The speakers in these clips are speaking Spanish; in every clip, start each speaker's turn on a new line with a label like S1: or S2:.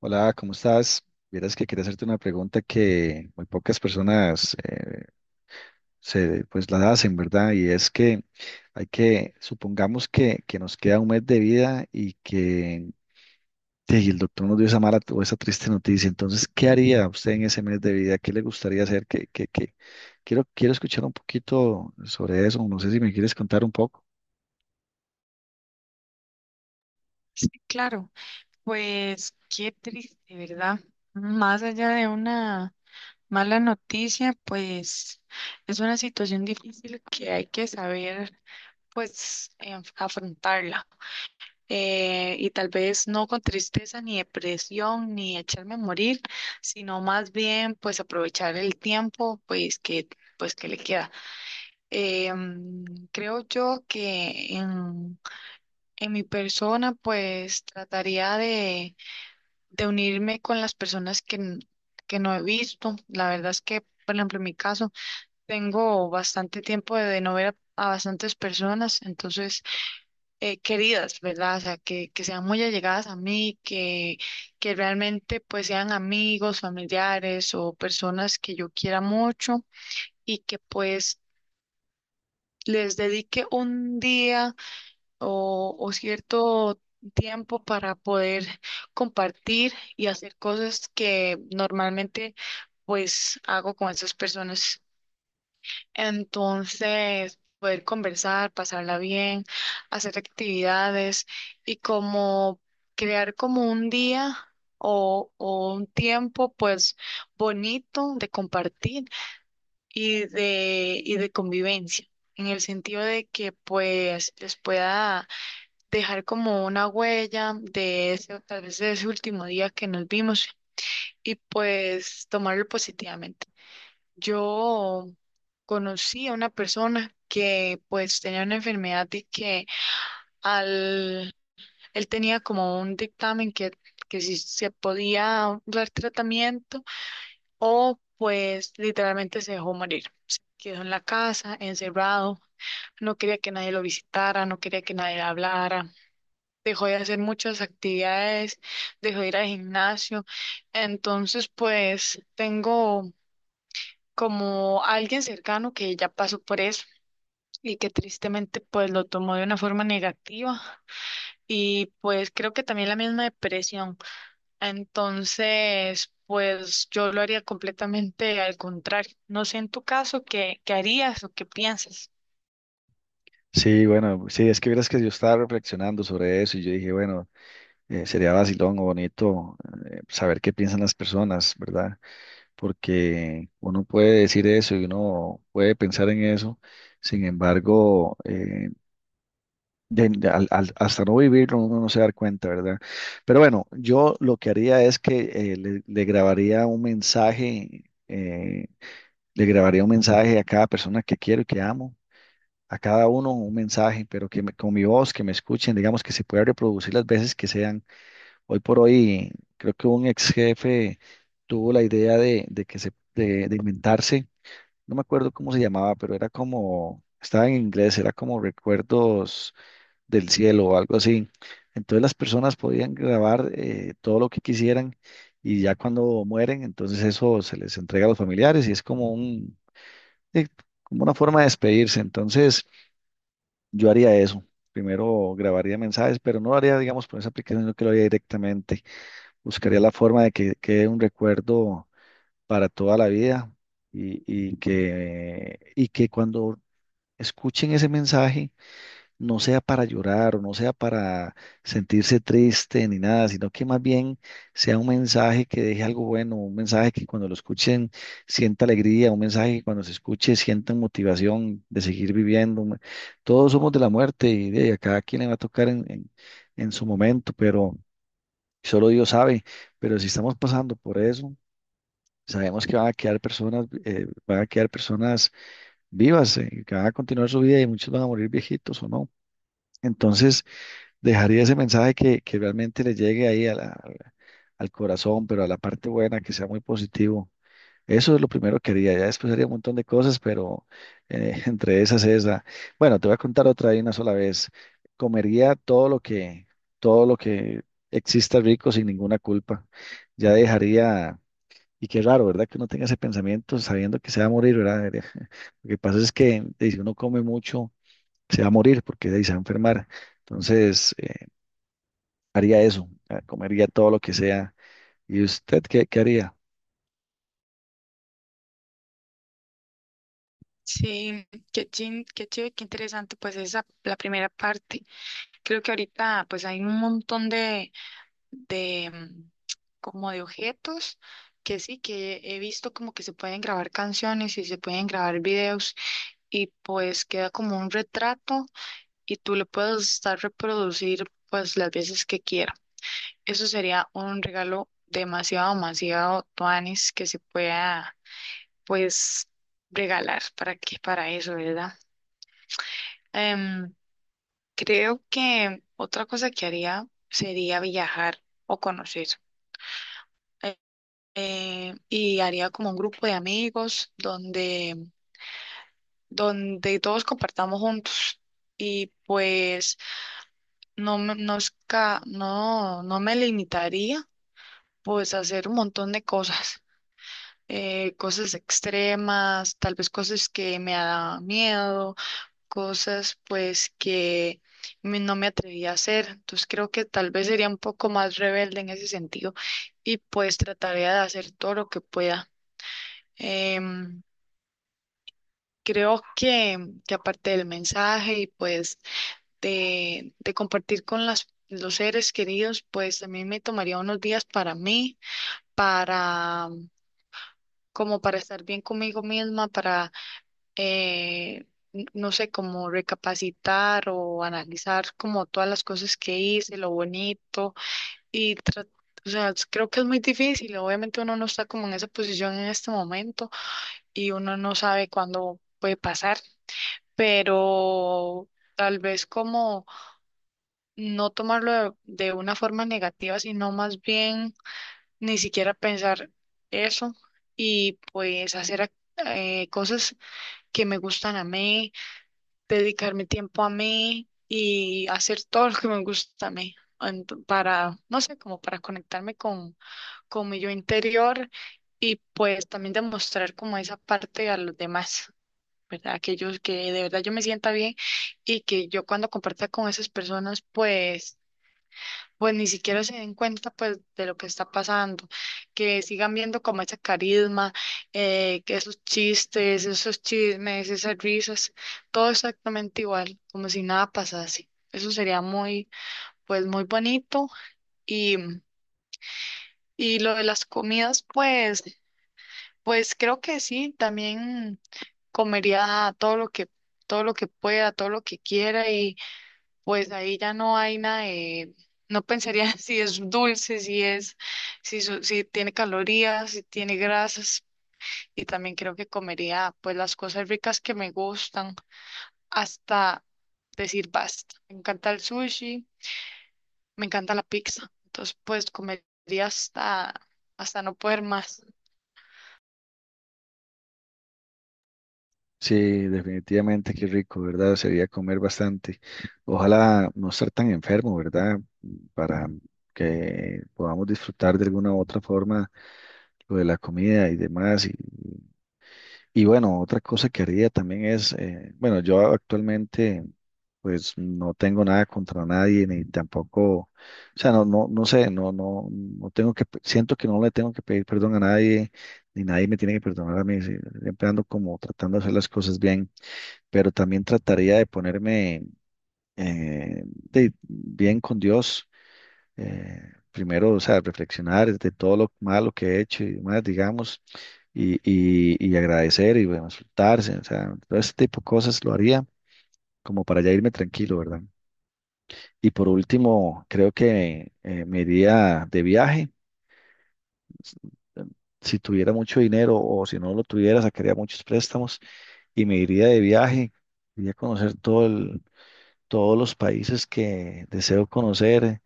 S1: Hola, ¿cómo estás? Vieras que quería hacerte una pregunta que muy pocas personas se, pues la hacen, ¿verdad? Y es que hay que, supongamos que, nos queda un mes de vida y que sí, el doctor nos dio esa mala o esa triste noticia. Entonces, ¿qué haría usted en ese mes de vida? ¿Qué le gustaría hacer? ¿Qué? Quiero escuchar un poquito sobre eso. No sé si me quieres contar un poco.
S2: Sí, claro, pues qué triste, ¿verdad? Más allá de una mala noticia, pues es una situación difícil que hay que saber, pues, afrontarla. Y tal vez no con tristeza ni depresión ni echarme a morir, sino más bien, pues, aprovechar el tiempo, pues, que le queda. Em, Creo yo que en mi persona, pues, trataría de unirme con las personas que, que no he visto. La verdad es que, por ejemplo, en mi caso, tengo bastante tiempo de no ver a bastantes personas, entonces, queridas, ¿verdad? O sea, que sean muy allegadas a mí, que realmente pues sean amigos, familiares o personas que yo quiera mucho y que pues les dedique un día o cierto tiempo para poder compartir y hacer cosas que normalmente pues hago con esas personas. Entonces, poder conversar, pasarla bien, hacer actividades y como crear como un día o un tiempo pues bonito de compartir y de convivencia. En el sentido de que pues les pueda dejar como una huella de ese, tal vez de ese último día que nos vimos y pues tomarlo positivamente. Yo conocí a una persona que pues tenía una enfermedad y que al, él tenía como un dictamen que si se podía dar tratamiento o pues literalmente se dejó morir. Quedó en la casa, encerrado, no quería que nadie lo visitara, no quería que nadie le hablara. Dejó de hacer muchas actividades, dejó de ir al gimnasio. Entonces, pues tengo como alguien cercano que ya pasó por eso y que tristemente pues lo tomó de una forma negativa y pues creo que también la misma depresión. Entonces, pues yo lo haría completamente al contrario. No sé en tu caso qué, qué harías o qué piensas.
S1: Sí, bueno, sí, es que vieras que yo estaba reflexionando sobre eso y yo dije, bueno. Sería vacilón o bonito, saber qué piensan las personas, ¿verdad? Porque uno puede decir eso y uno puede pensar en eso. Sin embargo, hasta no vivirlo uno no se da cuenta, ¿verdad? Pero bueno, yo lo que haría es que le grabaría un mensaje. Le grabaría un mensaje a cada persona que quiero y que amo. A cada uno un mensaje, pero que con mi voz, que me escuchen, digamos, que se pueda reproducir las veces que sean. Hoy por hoy, creo que un ex jefe tuvo la idea de, que se, de inventarse, no me acuerdo cómo se llamaba, pero era como, estaba en inglés, era como Recuerdos del Cielo o algo así. Entonces las personas podían grabar todo lo que quisieran, y ya cuando mueren, entonces eso se les entrega a los familiares y es como un, eh, como una forma de despedirse. Entonces yo haría eso. Primero grabaría mensajes, pero no lo haría, digamos, por esa aplicación, sino que lo haría directamente. Buscaría la forma de que quede un recuerdo para toda la vida, y que cuando escuchen ese mensaje no sea para llorar o no sea para sentirse triste ni nada, sino que más bien sea un mensaje que deje algo bueno, un mensaje que cuando lo escuchen sienta alegría, un mensaje que cuando se escuche sientan motivación de seguir viviendo. Todos somos de la muerte y de a cada quien le va a tocar en su momento, pero... Solo Dios sabe, pero si estamos pasando por eso, sabemos que van a quedar personas, van a quedar personas vivas, que van a continuar su vida y muchos van a morir viejitos o no. Entonces, dejaría ese mensaje que realmente le llegue ahí a al corazón, pero a la parte buena, que sea muy positivo. Eso es lo primero que haría. Ya después haría un montón de cosas, pero entre esas, esa. Bueno, te voy a contar otra de una sola vez. Comería todo lo que exista rico sin ninguna culpa. Ya dejaría, y qué raro, ¿verdad? Que uno tenga ese pensamiento sabiendo que se va a morir, ¿verdad? Lo que pasa es que si uno come mucho, se va a morir porque se va a enfermar. Entonces, haría eso. Comería todo lo que sea. ¿Y usted qué, qué haría?
S2: Sí, qué chin, qué chido, qué interesante, pues esa la primera parte. Creo que ahorita pues hay un montón de como de objetos que sí, que he visto como que se pueden grabar canciones y se pueden grabar videos y pues queda como un retrato y tú le puedes estar reproducir pues las veces que quiera. Eso sería un regalo demasiado, demasiado tuanis que se pueda pues regalar para que para eso, ¿verdad? Em, Creo que otra cosa que haría sería viajar o conocer. Eh, y haría como un grupo de amigos donde, donde todos compartamos juntos. Y pues no, no, no me limitaría pues a hacer un montón de cosas. Eh, cosas extremas, tal vez cosas que me da miedo cosas pues que no me atreví a hacer. Entonces creo que tal vez sería un poco más rebelde en ese sentido y pues trataría de hacer todo lo que pueda. Em, Creo que aparte del mensaje y pues de compartir con las, los seres queridos, pues también me tomaría unos días para mí, para como para estar bien conmigo misma, eh, no sé, como recapacitar o analizar como todas las cosas que hice, lo bonito y tra- o sea, creo que es muy difícil, obviamente uno no está como en esa posición en este momento y uno no sabe cuándo puede pasar, pero tal vez como no tomarlo de una forma negativa, sino más bien ni siquiera pensar eso y pues cosas que me gustan a mí dedicarme tiempo a mí y hacer todo lo que me gusta a mí, para, no sé, como para conectarme con mi yo interior y pues también demostrar como esa parte a los demás, ¿verdad? Que yo, que de verdad yo me sienta bien y que yo cuando comparta con esas personas, pues ni siquiera se den cuenta pues de lo que está pasando, que sigan viendo como ese carisma, que esos chistes, esos chismes, esas risas, todo exactamente igual, como si nada pasase. Eso sería muy, pues muy bonito. Y, y lo de las comidas, pues, pues creo que sí, también comería todo lo que pueda, todo lo que quiera. Pues ahí ya no hay nada de, no pensaría si es dulce, si es, si tiene calorías, si tiene grasas. Y también creo que comería pues las cosas ricas que me gustan hasta decir basta. Me encanta el sushi, me encanta la pizza. Entonces pues comería hasta, hasta no poder más.
S1: Sí, definitivamente, qué rico, ¿verdad? Sería comer bastante. Ojalá no estar tan enfermo, ¿verdad? Para que podamos disfrutar de alguna u otra forma lo de la comida y demás. Y bueno, otra cosa que haría también es, bueno, yo actualmente pues no tengo nada contra nadie, ni tampoco, o sea, no, no, no sé, no, no, no tengo que, siento que no le tengo que pedir perdón a nadie, ni nadie me tiene que perdonar a mí. Sí, siempre ando como tratando de hacer las cosas bien, pero también trataría de ponerme, bien con Dios. eh, Primero, o sea, reflexionar de todo lo malo que he hecho y demás, digamos, y agradecer y bueno, soltarse, o sea, todo ese tipo de cosas lo haría como para ya irme tranquilo, ¿verdad? Y por último, creo que me iría de viaje. s- eh, Si tuviera mucho dinero o si no lo tuviera, sacaría muchos préstamos y me iría de viaje, iría a conocer todos los países que deseo conocer.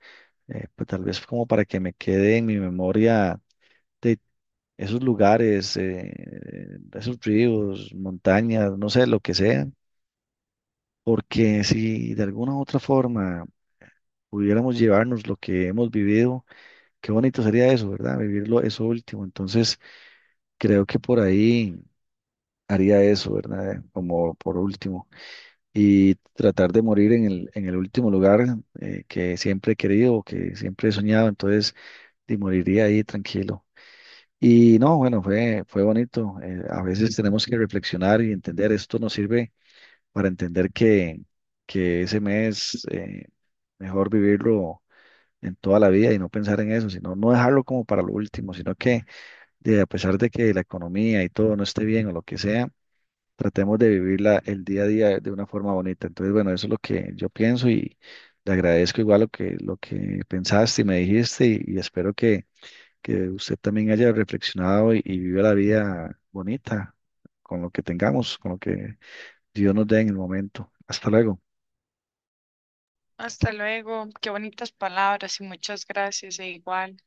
S1: Pues tal vez como para que me quede en mi memoria de esos lugares, esos ríos, montañas, no sé, lo que sea, porque si de alguna u otra forma pudiéramos llevarnos lo que hemos vivido, qué bonito sería eso, ¿verdad? Vivirlo, eso último. Entonces, creo que por ahí haría eso, ¿verdad? Como por último. Y tratar de morir en el último lugar que siempre he querido o que siempre he soñado. Entonces y moriría ahí tranquilo. Y no, bueno, fue, fue bonito. A veces tenemos que reflexionar y entender. Esto nos sirve para entender que ese mes, mejor vivirlo en toda la vida y no pensar en eso, sino no dejarlo como para lo último, sino que de, a pesar de que la economía y todo no esté bien o lo que sea, tratemos de vivirla el día a día de una forma bonita. Entonces, bueno, eso es lo que yo pienso, y le agradezco igual lo que pensaste y me dijiste, y espero que usted también haya reflexionado y viva la vida bonita con lo que tengamos, con lo que Dios nos dé en el momento. Hasta luego.
S2: Hasta luego. Qué bonitas palabras y muchas gracias e igual.